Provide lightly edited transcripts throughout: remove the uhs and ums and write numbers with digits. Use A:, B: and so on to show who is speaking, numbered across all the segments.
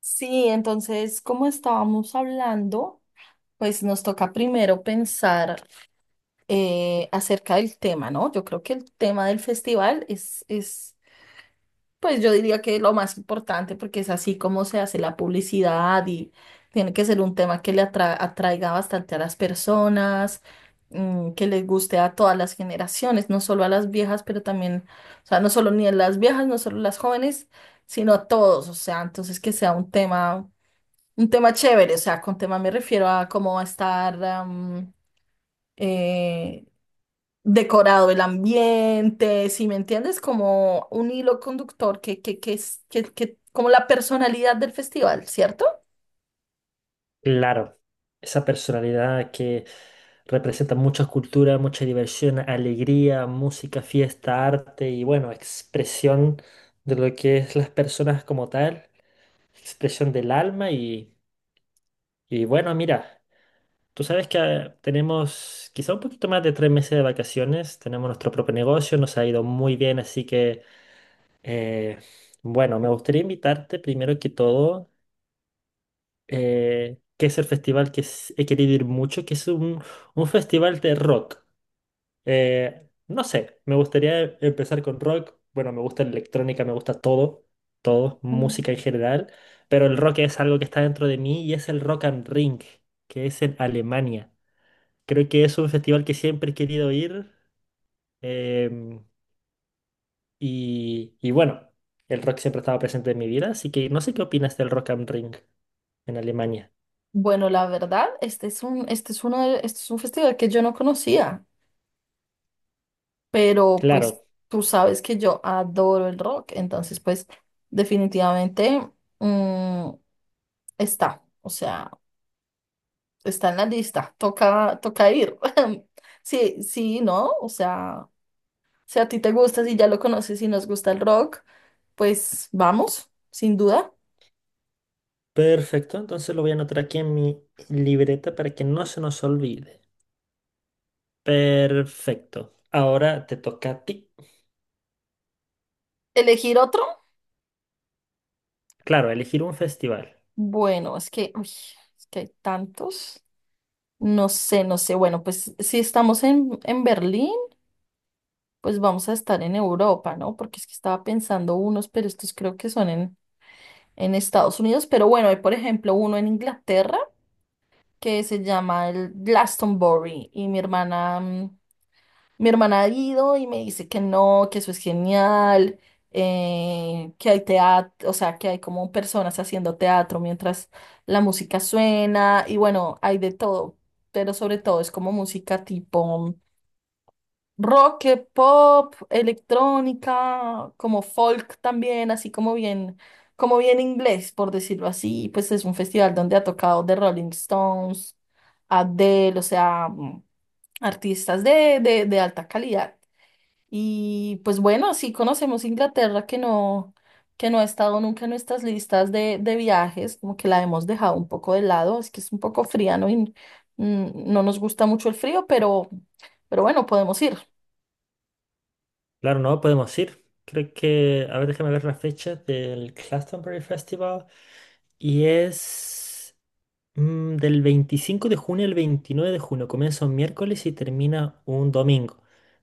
A: Sí, entonces, como estábamos hablando, pues nos toca primero pensar acerca del tema, ¿no? Yo creo que el tema del festival pues yo diría que lo más importante porque es así como se hace la publicidad y tiene que ser un tema que atraiga bastante a las personas, mm, que les guste a todas las generaciones, no solo a las viejas, pero también, o sea, no solo ni a las viejas, no solo a las jóvenes, sino a todos, o sea, entonces que sea un tema chévere, o sea, con tema me refiero a cómo va a estar eh, decorado el ambiente, si me entiendes, como un hilo conductor que es que- como la personalidad del festival, ¿cierto?
B: Claro, esa personalidad que representa muchas culturas, mucha diversión, alegría, música, fiesta, arte y bueno, expresión de lo que es las personas como tal, expresión del alma y bueno, mira, tú sabes que tenemos quizá un poquito más de 3 meses de vacaciones, tenemos nuestro propio negocio, nos ha ido muy bien, así que eh, bueno, me gustaría invitarte primero que todo que es el festival que he querido ir mucho, que es un festival de rock. No sé, me gustaría empezar con rock. Bueno, me gusta la electrónica, me gusta todo, música en general, pero el rock es algo que está dentro de mí y es el Rock am Ring, que es en Alemania. Creo que es un festival que siempre he querido ir em, y bueno, el rock siempre estaba presente en mi vida, así que no sé qué opinas del Rock am Ring en Alemania.
A: Bueno, la verdad, este es un, este es uno de- este es un festival que yo no conocía, pero pues
B: Claro.
A: tú sabes que yo adoro el rock, entonces pues definitivamente, mm, está, o sea, está en la lista, toca, toca ir. Sí, sí, ¿no? O sea, si a ti te gusta, si ya lo conoces y nos gusta el rock, pues vamos, sin duda.
B: Perfecto, entonces lo voy a anotar aquí en mi libreta para que no se nos olvide. Perfecto. Ahora te toca a ti.
A: ¿Elegir otro?
B: Claro, elegir un festival.
A: Bueno, es que, uy, es que hay tantos. No sé, no sé. Bueno, pues si estamos en Berlín, pues vamos a estar en Europa, ¿no? Porque es que estaba pensando unos, pero estos creo que son en Estados Unidos. Pero bueno, hay por ejemplo uno en Inglaterra que se llama el Glastonbury y mi hermana ha ido y me dice que no, que eso es genial, que hay teatro, o sea, que hay como personas haciendo teatro mientras la música suena y bueno, hay de todo, pero sobre todo es como música tipo mm, rock, pop, electrónica, como folk también, así como bien inglés, por decirlo así. Pues es un festival donde ha tocado The Rolling Stones, Adele, o sea, mm, artistas de alta calidad. Y pues bueno, sí conocemos Inglaterra, que no ha estado nunca en nuestras listas de viajes, como que la hemos dejado un poco de lado, es que es un poco fría, ¿no? Y mm, no nos gusta mucho el frío, pero bueno, podemos ir.
B: Claro, no podemos ir. Creo que, a ver, déjame ver la fecha del Glastonbury Festival. Y es del 25 de junio al 29 de junio. Comienza un miércoles y termina un domingo.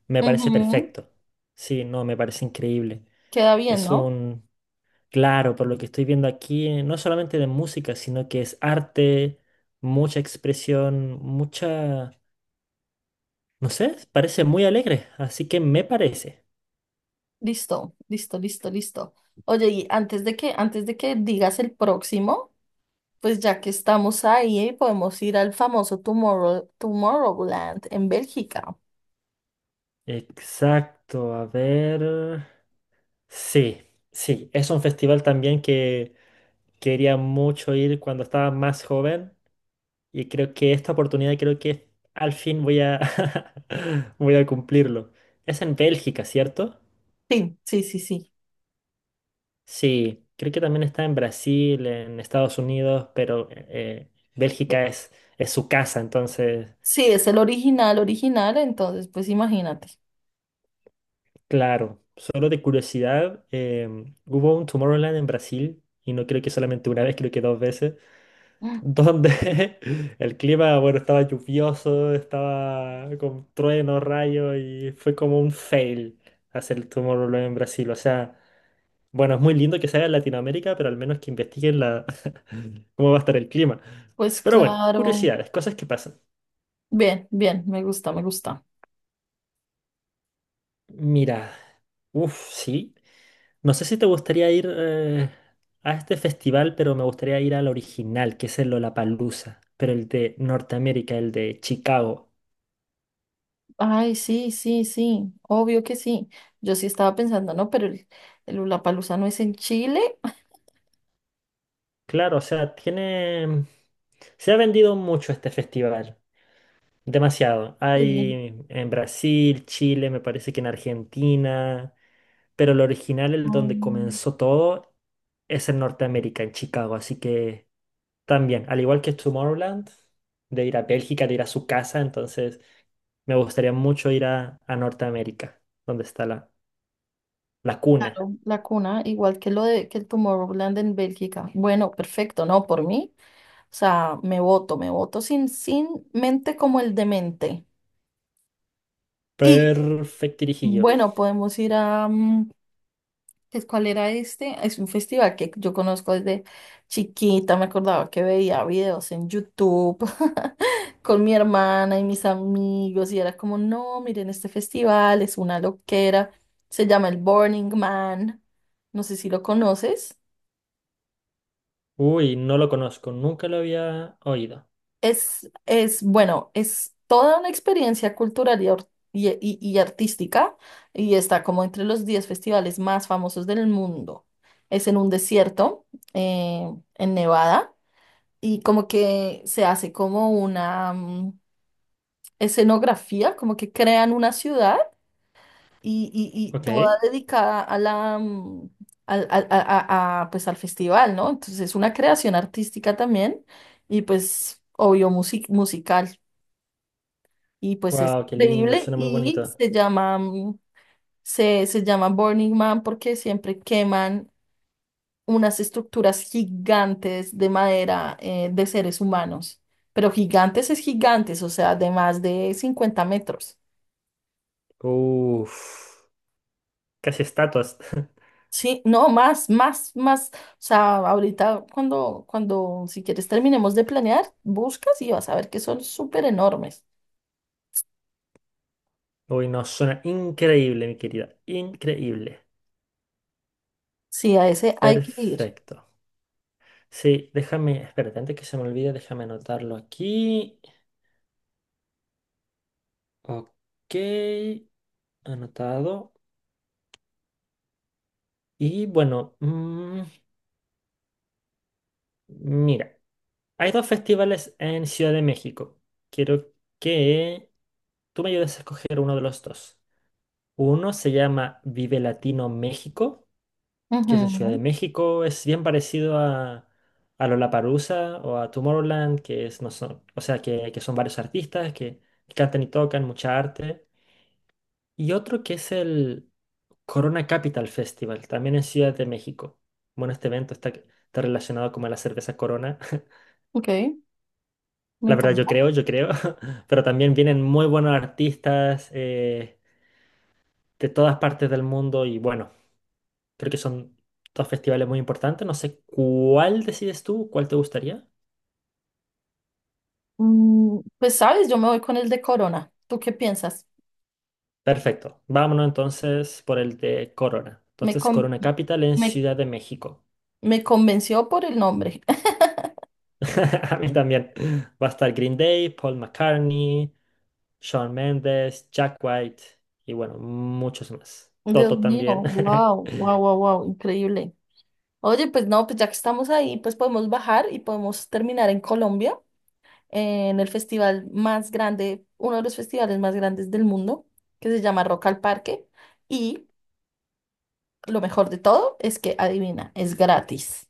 B: Me parece
A: Ujú.
B: perfecto. Sí, no, me parece increíble.
A: Queda bien,
B: Es
A: ¿no?
B: un Claro, por lo que estoy viendo aquí, no solamente de música, sino que es arte, mucha expresión, mucha, no sé, parece muy alegre, así que me parece.
A: Listo, listo, listo, listo. Oye, antes de que digas el próximo, pues ya que estamos ahí, podemos ir al famoso Tomorrowland en Bélgica.
B: Exacto, a ver. Sí, sí, es un festival también que quería mucho ir cuando estaba más joven y creo que esta oportunidad creo que al fin voy a voy a cumplirlo. Es en Bélgica, ¿cierto?
A: Sí, sí, sí, sí.
B: Sí, creo que también está en Brasil, en Estados Unidos, pero
A: Eh,
B: Bélgica es su casa, entonces,
A: Sí, es el original, original, entonces, pues imagínate.
B: claro, solo de curiosidad, hubo un Tomorrowland en Brasil, y no creo que solamente una vez, creo que dos veces,
A: Mm,
B: donde el clima, bueno, estaba lluvioso, estaba con truenos, rayos, y fue como un fail hacer el Tomorrowland en Brasil. O sea, bueno, es muy lindo que se haga en Latinoamérica, pero al menos que investiguen cómo va a estar el clima.
A: Pues
B: Pero bueno,
A: claro.
B: curiosidades, cosas que pasan.
A: Bien, bien, me gusta, me gusta.
B: Mira, uff, sí. No sé si te gustaría ir a este festival, pero me gustaría ir al original, que es el Lollapalooza, pero el de Norteamérica, el de Chicago.
A: Ay, sí, sí, sí, obvio que sí. Yo sí estaba pensando, no, pero el Lollapalooza no es en Chile.
B: Claro, o sea, tiene... Se ha vendido mucho este festival. Demasiado.
A: Sí.
B: Hay en Brasil, Chile, me parece que en Argentina, pero el original, el donde
A: Mm,
B: comenzó todo, es en Norteamérica, en Chicago. Así que también, al igual que Tomorrowland, de ir a Bélgica, de ir a su casa, entonces me gustaría mucho ir a Norteamérica, donde está la, la cuna.
A: claro, la cuna, igual que lo de que el Tomorrowland en Bélgica. Bueno, perfecto, no, por mí. O sea, me voto sin mente como el demente. Y
B: Perfectirijillo.
A: bueno, podemos ir a, mm, cuál era este? Es un festival que yo conozco desde chiquita, me acordaba que veía videos en YouTube con mi hermana y mis amigos y era como, no, miren, este festival es una loquera, se llama el Burning Man, no sé si lo conoces.
B: Uy, no lo conozco, nunca lo había oído.
A: Es, bueno, es toda una experiencia cultural y artística y está como entre los 10 festivales más famosos del mundo. Es en un desierto, eh, en Nevada, y como que se hace como una mm, escenografía, como que crean una ciudad
B: Ok.
A: toda dedicada a la, mm, al, al- a, pues, al festival, ¿no? Entonces es una creación artística también y pues obvio musical. Y pues es
B: Wow, qué lindo,
A: increíble
B: suena muy
A: y
B: bonito.
A: se llama, mm, se llama Burning Man porque siempre queman unas estructuras gigantes de madera, de seres humanos. Pero gigantes es gigantes, o sea, de más de 50 metros.
B: Uff. Casi estatuas.
A: Sí, no, más, más, más. O sea, ahorita cuando, si quieres terminemos de planear, buscas y vas a ver que son súper enormes.
B: Uy, no, suena increíble, mi querida. Increíble.
A: Sí, a ese hay que ir.
B: Perfecto. Sí, déjame, espérate, antes que se me olvide, déjame anotarlo aquí. Ok, anotado. Y bueno, mira, hay dos festivales en Ciudad de México. Quiero que tú me ayudes a escoger uno de los dos. Uno se llama Vive Latino México que es en Ciudad de
A: Ujú.
B: México, es bien parecido a Lollapalooza o a Tomorrowland, que es, no son, o sea, que son varios artistas que, cantan y tocan mucha arte. Y otro que es el Corona Capital Festival, también en Ciudad de México. Bueno, este evento está relacionado como a la cerveza Corona.
A: Ok, me
B: La verdad, yo
A: encanta.
B: creo, yo creo. Pero también vienen muy buenos artistas de todas partes del mundo y bueno, creo que son dos festivales muy importantes. No sé cuál decides tú, cuál te gustaría.
A: Mm, Pues sabes, yo me voy con el de Corona. ¿Tú qué piensas?
B: Perfecto. Vámonos entonces por el de Corona.
A: Me,
B: Entonces,
A: con-
B: Corona Capital en
A: me,
B: Ciudad de México.
A: me convenció por el nombre.
B: A mí también. Va a estar Green Day, Paul McCartney, Shawn Mendes, Jack White y bueno, muchos más.
A: Dios
B: Toto
A: mío,
B: también.
A: wow, wow, wow, wow, increíble. Oye, pues no, pues ya que estamos ahí, pues podemos bajar y podemos terminar en Colombia, en el festival más grande, uno de los festivales más grandes del mundo, que se llama Rock al Parque. Y lo mejor de todo es que, adivina, es gratis.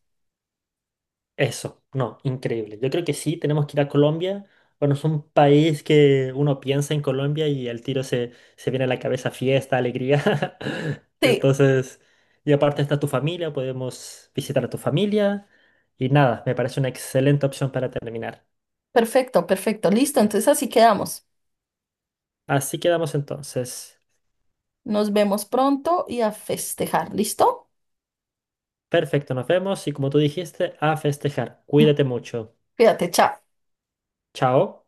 B: Eso, no, increíble. Yo creo que sí, tenemos que ir a Colombia. Bueno, es un país que uno piensa en Colombia y al tiro se viene a la cabeza fiesta, alegría.
A: Sí,
B: Entonces, y aparte está tu familia, podemos visitar a tu familia. Y nada, me parece una excelente opción para terminar.
A: perfecto, perfecto, listo. Entonces así quedamos.
B: Así quedamos entonces.
A: Nos vemos pronto y a festejar. ¿Listo?
B: Perfecto, nos vemos y como tú dijiste, a festejar. Cuídate mucho.
A: Cuídate, chao.
B: Chao.